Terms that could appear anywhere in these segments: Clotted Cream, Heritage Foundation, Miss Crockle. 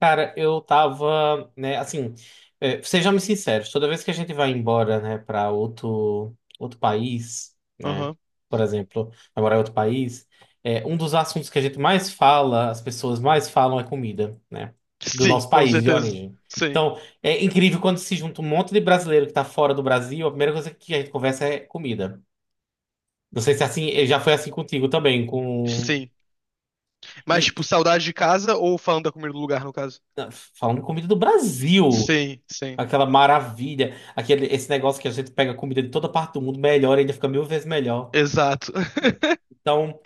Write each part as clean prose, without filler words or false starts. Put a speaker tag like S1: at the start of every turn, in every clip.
S1: Cara, eu tava, né, assim, sejamos sinceros, toda vez que a gente vai embora, né, para outro país, né,
S2: Aham.
S1: por exemplo, vai morar em outro país, um dos assuntos que a gente mais fala, as pessoas mais falam é comida, né, do
S2: Sim,
S1: nosso
S2: com
S1: país de
S2: certeza.
S1: origem.
S2: Sim,
S1: Então, é incrível quando se junta um monte de brasileiro que tá fora do Brasil, a primeira coisa que a gente conversa é comida. Não sei se é assim, já foi assim contigo também.
S2: sim.
S1: E,
S2: Mas, tipo,
S1: e-
S2: saudade de casa ou falando da comida do lugar, no caso?
S1: não, falando de comida do Brasil.
S2: Sim, sim.
S1: Aquela maravilha, aquele, esse negócio que a gente pega comida de toda parte do mundo, melhor, ainda fica mil vezes melhor.
S2: Exato.
S1: Então,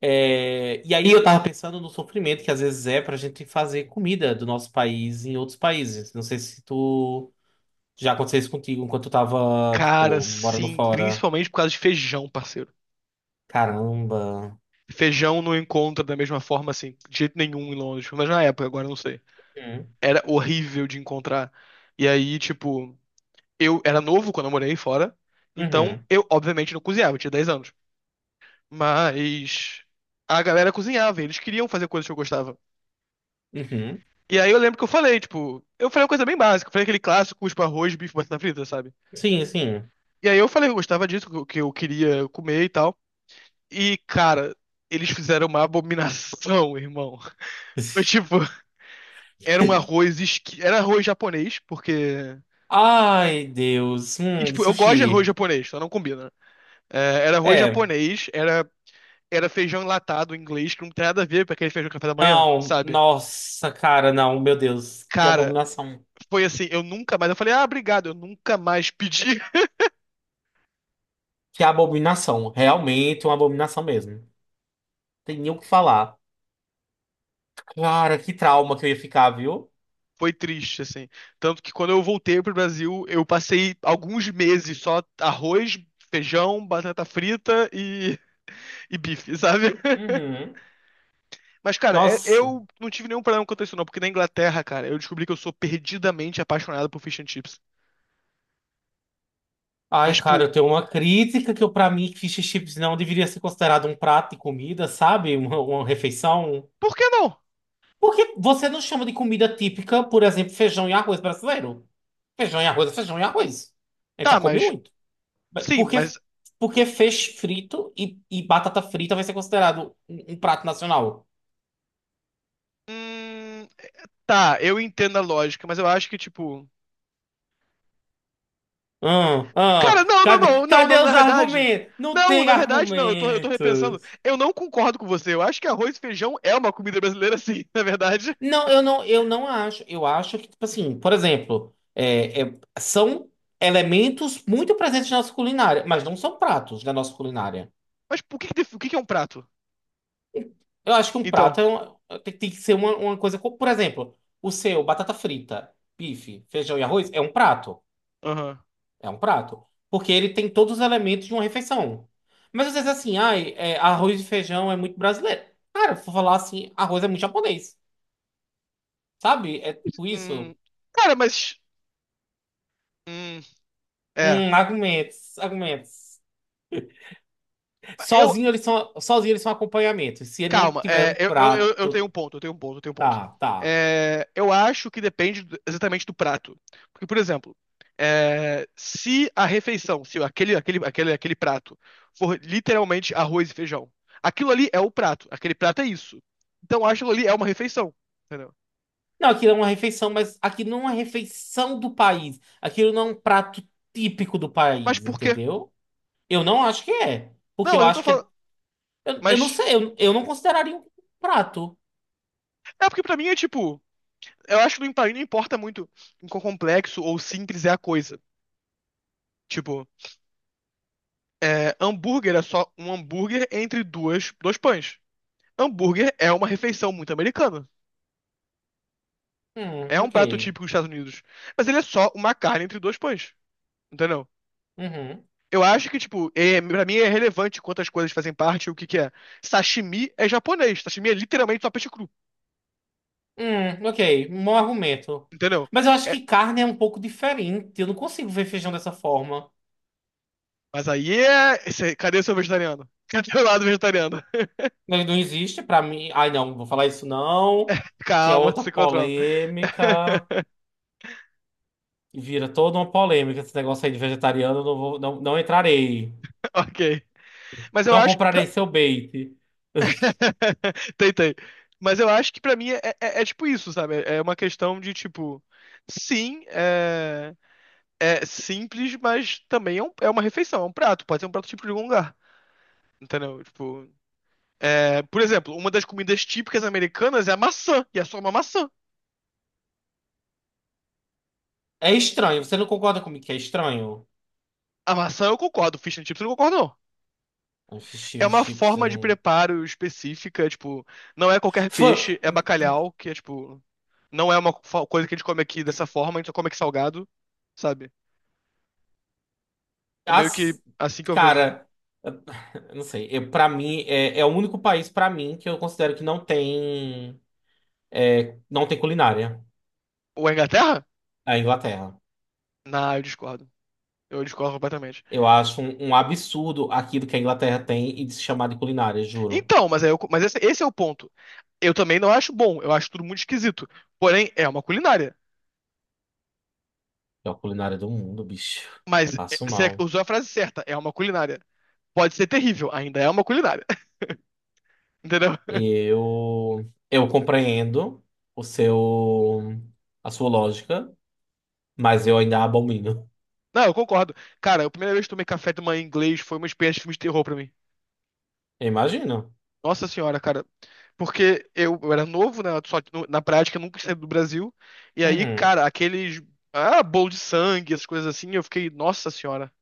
S1: e aí eu tava pensando no sofrimento que às vezes é pra gente fazer comida do nosso país em outros países. Não sei se tu já aconteceu isso contigo enquanto tu tava,
S2: Cara,
S1: tipo, morando
S2: sim,
S1: fora.
S2: principalmente por causa de feijão, parceiro.
S1: Caramba.
S2: Feijão não encontra da mesma forma, assim, de jeito nenhum em Londres. Mas na época, agora eu não sei.
S1: Uhum,
S2: Era horrível de encontrar. E aí, tipo, eu era novo quando eu morei fora. Então,
S1: uhum,
S2: eu, obviamente, não cozinhava, eu tinha 10 anos. Mas a galera cozinhava, e eles queriam fazer coisas que eu gostava.
S1: uhum.
S2: E aí eu lembro que eu falei, tipo, eu falei uma coisa bem básica, eu falei aquele clássico, tipo, arroz, bife, batata frita, sabe?
S1: Sim, sim.
S2: E aí eu falei que eu gostava disso, que eu queria comer e tal. E, cara, eles fizeram uma abominação, irmão. Foi tipo, era um era arroz japonês, porque
S1: Ai, Deus.
S2: e,
S1: De
S2: tipo, eu gosto de arroz
S1: sushi.
S2: japonês, só não combina, né? É, era arroz
S1: É.
S2: japonês, era feijão enlatado em inglês, que não tem nada a ver com aquele feijão café da manhã,
S1: Não,
S2: sabe?
S1: nossa, cara, não, meu Deus, que
S2: Cara,
S1: abominação.
S2: foi assim, eu nunca mais, eu falei: "Ah, obrigado, eu nunca mais pedi".
S1: Que é abominação. Realmente uma abominação mesmo. Tem nem o que falar. Cara, que trauma que eu ia ficar, viu?
S2: Foi triste, assim. Tanto que quando eu voltei pro Brasil, eu passei alguns meses só arroz, feijão, batata frita e bife, sabe?
S1: Uhum.
S2: Mas, cara,
S1: Nossa.
S2: eu não tive nenhum problema com isso, não, porque na Inglaterra, cara, eu descobri que eu sou perdidamente apaixonado por fish and chips. Mas,
S1: Ai, cara,
S2: tipo,
S1: eu tenho uma crítica que eu, pra mim, fish and chips não deveria ser considerado um prato de comida, sabe? Uma refeição.
S2: por que não?
S1: Porque você não chama de comida típica, por exemplo, feijão e arroz brasileiro? Feijão e arroz é feijão e arroz. A gente só
S2: Tá,
S1: come
S2: mas.
S1: muito.
S2: Sim,
S1: Porque,
S2: mas.
S1: porque feixe frito e batata frita vai ser considerado um prato nacional.
S2: Hum, tá, eu entendo a lógica, mas eu acho que, tipo.
S1: Ah,
S2: Cara,
S1: ah,
S2: não, não,
S1: cadê,
S2: não, não,
S1: cadê
S2: não, na
S1: os
S2: verdade.
S1: argumentos? Não
S2: Não,
S1: tem
S2: na verdade, não, eu tô repensando.
S1: argumentos.
S2: Eu não concordo com você. Eu acho que arroz e feijão é uma comida brasileira, sim, na verdade.
S1: Não, eu não acho. Eu acho que, tipo assim, por exemplo, são elementos muito presentes na nossa culinária, mas não são pratos da nossa culinária.
S2: Mas por que o que que é um prato?
S1: Eu acho que um prato
S2: Então,
S1: é tem que ser uma coisa. Por exemplo, o seu, batata frita, bife, feijão e arroz, é um prato.
S2: aham.
S1: É um prato. Porque ele tem todos os elementos de uma refeição. Mas às vezes assim, ai, arroz e feijão é muito brasileiro. Cara, se for falar assim, arroz é muito japonês. Sabe? É tudo isso.
S2: Hum, cara, mas. Hum, é.
S1: Argumentos, argumentos.
S2: Eu,
S1: Sozinho eles são acompanhamento. Se ele não
S2: Calma,
S1: tiver
S2: é,
S1: um
S2: eu tenho
S1: prato.
S2: um ponto, eu tenho um ponto, eu tenho um ponto.
S1: Tá, tá.
S2: É, eu acho que depende exatamente do prato. Porque, por exemplo, é, se a refeição, se aquele prato for literalmente arroz e feijão, aquilo ali é o prato, aquele prato é isso. Então, eu acho que aquilo ali é uma refeição, entendeu?
S1: Não, aquilo é uma refeição, mas aquilo não é uma refeição do país. Aquilo não é um prato típico do
S2: Mas
S1: país,
S2: por quê?
S1: entendeu? Eu não acho que é.
S2: Não,
S1: Porque
S2: mas
S1: eu
S2: eu não tô
S1: acho que
S2: falando.
S1: é. Eu não
S2: Mas.
S1: sei, eu não consideraria um prato.
S2: É porque pra mim é tipo. Eu acho que não importa muito em quão complexo ou simples é a coisa. Tipo. É, hambúrguer é só um hambúrguer entre duas, dois pães. Hambúrguer é uma refeição muito americana. É um
S1: Ok.
S2: prato típico dos Estados Unidos. Mas ele é só uma carne entre dois pães. Entendeu?
S1: Uhum.
S2: Eu acho que, tipo, é, pra mim é relevante quantas coisas fazem parte e o que que é. Sashimi é japonês. Sashimi é literalmente só peixe cru.
S1: Ok. Um bom argumento.
S2: Entendeu?
S1: Mas eu acho
S2: É,
S1: que carne é um pouco diferente. Eu não consigo ver feijão dessa forma.
S2: mas aí é. Cadê o seu vegetariano? Cadê o lado vegetariano?
S1: Ele não existe pra mim. Ai, não, vou falar isso não. Que é
S2: Calma,
S1: outra
S2: se controla.
S1: polêmica. E vira toda uma polêmica esse negócio aí de vegetariano. Eu não vou, não, não entrarei.
S2: Ok. Mas eu
S1: Não
S2: acho que.
S1: comprarei seu bait.
S2: Tem, tem. Mas eu acho que pra mim é é tipo isso, sabe? É é uma questão de tipo, sim, é, é simples, mas também é, é uma refeição, é um prato, pode ser um prato típico de algum lugar. Entendeu? Tipo, é, por exemplo, uma das comidas típicas americanas é a maçã, e é só uma maçã.
S1: É estranho. Você não concorda comigo que é estranho?
S2: A maçã eu concordo, fish and chips eu não concordo, não. É
S1: Fish
S2: uma
S1: chips, eu
S2: forma de
S1: não.
S2: preparo específica, tipo, não é qualquer
S1: Fã-
S2: peixe, é
S1: hum, hum,
S2: bacalhau, que é tipo, não é uma coisa que a gente come aqui dessa forma, a gente só come aqui salgado, sabe? É meio que
S1: As...
S2: assim que eu vejo.
S1: Cara. Eu não sei. Eu, para mim, é o único país para mim que eu considero que não tem culinária.
S2: Ou a Inglaterra?
S1: É a Inglaterra.
S2: Não, eu discordo. Eu discordo completamente.
S1: Eu acho um absurdo aquilo que a Inglaterra tem e de se chamar de culinária, juro.
S2: Então, mas, mas esse é o ponto. Eu também não acho bom, eu acho tudo muito esquisito. Porém, é uma culinária.
S1: É a culinária do mundo, bicho.
S2: Mas
S1: Passo
S2: você
S1: mal.
S2: usou a frase certa, é uma culinária. Pode ser terrível, ainda é uma culinária. Entendeu?
S1: Eu compreendo o seu, a sua lógica, mas eu ainda abomino.
S2: Não, eu concordo. Cara, a primeira vez que tomei café de manhã em inglês foi uma experiência de filme de terror pra mim.
S1: Eu imagino.
S2: Nossa senhora, cara. Porque eu era novo, né? Só que na prática eu nunca saí do Brasil. E aí,
S1: Uhum.
S2: cara, aqueles. Ah, bolo de sangue, essas coisas assim, eu fiquei, nossa senhora.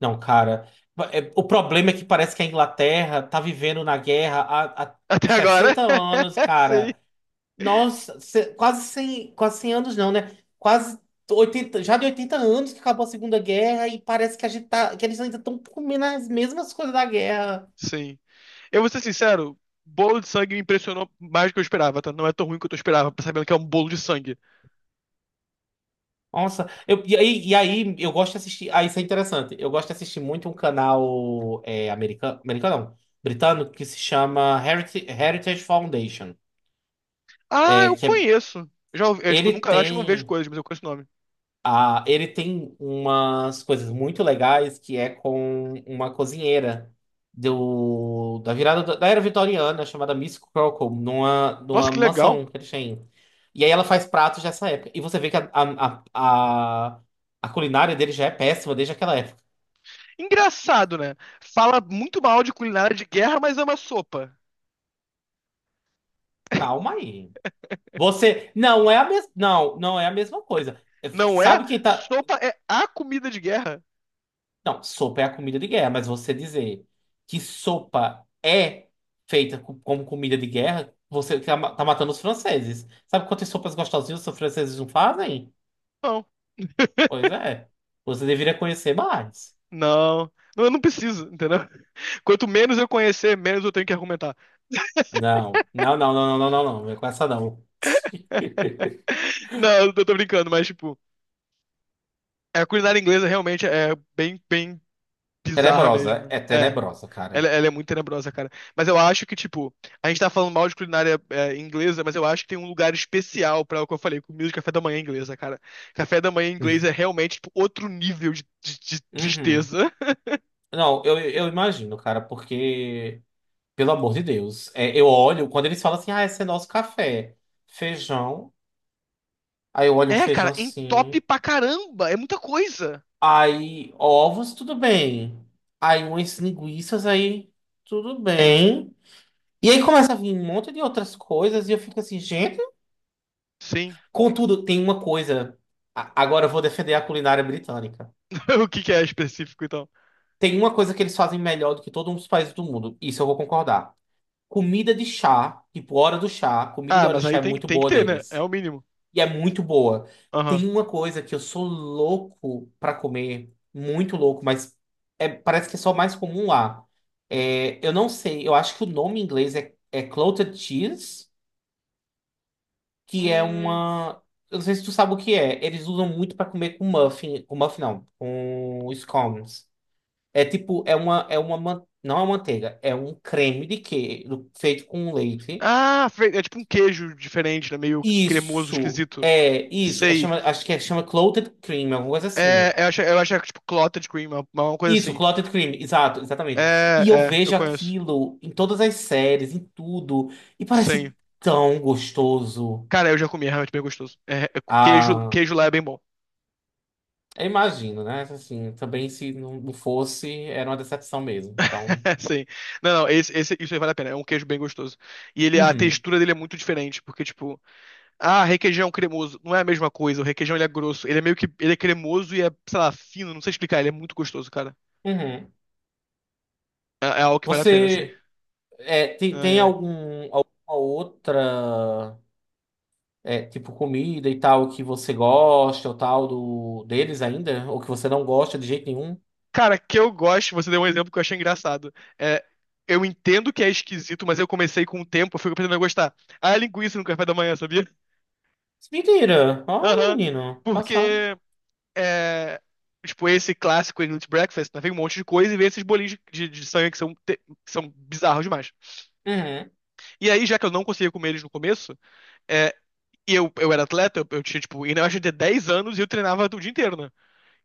S1: Não, cara. O problema é que parece que a Inglaterra tá vivendo na guerra há
S2: Até agora.
S1: 60 anos,
S2: Sei.
S1: cara. Nossa, quase 100, quase 100 anos não, né? Quase 80 já de 80 anos que acabou a Segunda Guerra e parece que a gente tá, que eles ainda estão comendo as mesmas coisas da guerra.
S2: Sim. Eu vou ser sincero, bolo de sangue me impressionou mais do que eu esperava, tá? Não é tão ruim quanto eu esperava, sabendo que é um bolo de sangue.
S1: Nossa, e aí eu gosto de assistir. Ah, isso é interessante. Eu gosto de assistir muito um canal americano, americano não, britânico que se chama Heritage, Heritage Foundation.
S2: Ah,
S1: É,
S2: eu
S1: que é-
S2: conheço. Já ouvi, eu, tipo,
S1: Ele
S2: nunca acho que não vejo
S1: tem.
S2: coisas, mas eu conheço o nome.
S1: Ah, ele tem umas coisas muito legais que é com uma cozinheira do, da virada da era vitoriana chamada Miss Crockle, numa,
S2: Nossa,
S1: numa
S2: que legal.
S1: mansão que eles têm. E aí ela faz pratos dessa época. E você vê que a a culinária dele já é péssima desde aquela época.
S2: Engraçado, né? Fala muito mal de culinária de guerra, mas ama sopa.
S1: Calma aí. Você. Não é a mesma. Não, não é a mesma coisa. É,
S2: Não é?
S1: Sabe quem tá.
S2: Sopa é a comida de guerra.
S1: Não, sopa é a comida de guerra, mas você dizer que sopa é feita como comida de guerra, você tá matando os franceses. Sabe quantas sopas gostosinhas os franceses não fazem?
S2: Não,
S1: Pois é. Você deveria conhecer mais.
S2: não, não, eu não preciso, entendeu? Quanto menos eu conhecer, menos eu tenho que argumentar.
S1: Não, não, não, não, não, não, não, não. Não é com essa, não.
S2: Não, eu tô brincando, mas tipo, a culinária inglesa realmente é bem, bem bizarra
S1: Tenebrosa,
S2: mesmo.
S1: é
S2: É,
S1: tenebrosa,
S2: ela,
S1: cara.
S2: ela é muito tenebrosa, cara. Mas eu acho que, tipo, a gente tá falando mal de culinária é, inglesa, mas eu acho que tem um lugar especial pra o que eu falei, comida de café da manhã inglesa, cara. Café da manhã inglês é realmente, tipo, outro nível de, de
S1: Uhum.
S2: tristeza.
S1: Não, eu imagino, cara, porque, pelo amor de Deus, eu olho, quando eles falam assim, ah, esse é nosso café, feijão, aí eu olho um
S2: É,
S1: feijão
S2: cara, entope
S1: assim.
S2: pra caramba, é muita coisa.
S1: Aí, ovos, tudo bem. Aí, umas linguiças, aí, tudo bem. E aí começa a vir um monte de outras coisas e eu fico assim, gente.
S2: Sim.
S1: Contudo, tem uma coisa. Agora eu vou defender a culinária britânica.
S2: O que que é específico, então?
S1: Tem uma coisa que eles fazem melhor do que todos os países do mundo. Isso eu vou concordar. Comida de chá, tipo hora do chá, comida de
S2: Ah,
S1: hora do
S2: mas
S1: chá
S2: aí
S1: é
S2: tem,
S1: muito
S2: tem que
S1: boa
S2: ter, né? É
S1: deles.
S2: o mínimo.
S1: E é muito boa.
S2: Aham.
S1: Tem uma coisa que eu sou louco pra comer, muito louco, mas parece que é só mais comum lá. Eu não sei, eu acho que o nome em inglês é clotted cheese, que é
S2: Hum.
S1: uma. Eu não sei se tu sabe o que é. Eles usam muito pra comer com muffin não, com scones. É tipo, é uma, não é uma manteiga, é um creme de queijo feito com leite.
S2: Ah, é tipo um queijo diferente, né? Meio cremoso,
S1: Isso,
S2: esquisito.
S1: é isso. É
S2: Sei.
S1: chama, acho que é chama clotted cream, alguma coisa
S2: É,
S1: assim.
S2: eu acho que é tipo clotted cream, uma coisa
S1: Isso,
S2: assim.
S1: Clotted Cream, exato, exatamente.
S2: É,
S1: E eu
S2: é, eu
S1: vejo
S2: conheço.
S1: aquilo em todas as séries, em tudo, e parece
S2: Sim.
S1: tão gostoso.
S2: Cara, eu já comi, é realmente bem gostoso. É, é, queijo,
S1: Ah,
S2: queijo lá é bem bom.
S1: eu imagino, né? Assim, também se não não fosse, era uma decepção mesmo. Então,
S2: Sim. Não, não, isso aí vale a pena. É um queijo bem gostoso. E ele, a
S1: uhum,
S2: textura dele é muito diferente, porque, tipo, ah, requeijão cremoso. Não é a mesma coisa. O requeijão ele é grosso. Ele é meio que. Ele é cremoso e é, sei lá, fino. Não sei explicar. Ele é muito gostoso, cara.
S1: uhum.
S2: É, é algo que vale a pena, assim.
S1: Você é, tem,
S2: Ai,
S1: tem
S2: ai.
S1: algum, alguma outra, tipo, comida e tal que você gosta ou tal deles ainda? Ou que você não gosta de jeito nenhum?
S2: Cara, que eu gosto. Você deu um exemplo que eu achei engraçado. É, eu entendo que é esquisito, mas eu comecei com o tempo. Eu fico aprendendo a gostar. Ah, é linguiça no café da manhã, sabia?
S1: Mentira! Olha,
S2: Aham.
S1: menino,
S2: Porque.
S1: passado.
S2: É, tipo, esse clássico English Breakfast, né? Vem um monte de coisa e vem esses bolinhos de, de sangue que são, que são bizarros demais.
S1: Uhum.
S2: E aí, já que eu não conseguia comer eles no começo. É, e eu era atleta, eu tinha, tipo, e na verdade, eu tinha anos e eu treinava o dia inteiro, né?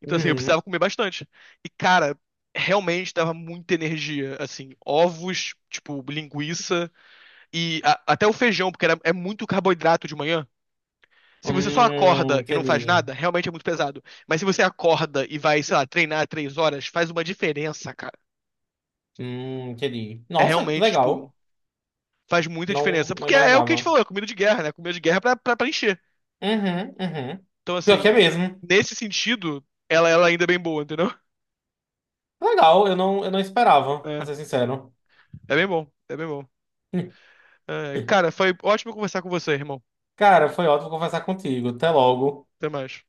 S2: Então, assim, eu
S1: Uhum.
S2: precisava comer bastante. E, cara, realmente dava muita energia, assim, ovos, tipo, linguiça e até o feijão, porque era, é muito carboidrato de manhã. Se você só acorda e não faz
S1: Entendi.
S2: nada, realmente é muito pesado. Mas se você acorda e vai, sei lá, treinar 3 horas, faz uma diferença, cara.
S1: Entendi.
S2: É
S1: Nossa, que
S2: realmente,
S1: legal.
S2: tipo, faz muita
S1: Não,
S2: diferença.
S1: não
S2: Porque é o que a gente
S1: imaginava.
S2: falou, é comida de guerra, né? Comida de guerra é pra, pra, pra encher.
S1: Uhum, uhum.
S2: Então,
S1: Pior que é
S2: assim,
S1: mesmo.
S2: nesse sentido, ela ainda é bem boa, entendeu?
S1: Legal, eu não esperava, pra
S2: É,
S1: ser sincero.
S2: é bem bom, é bem bom. É, cara, foi ótimo conversar com você, irmão.
S1: Cara, foi ótimo conversar contigo. Até logo.
S2: Até mais.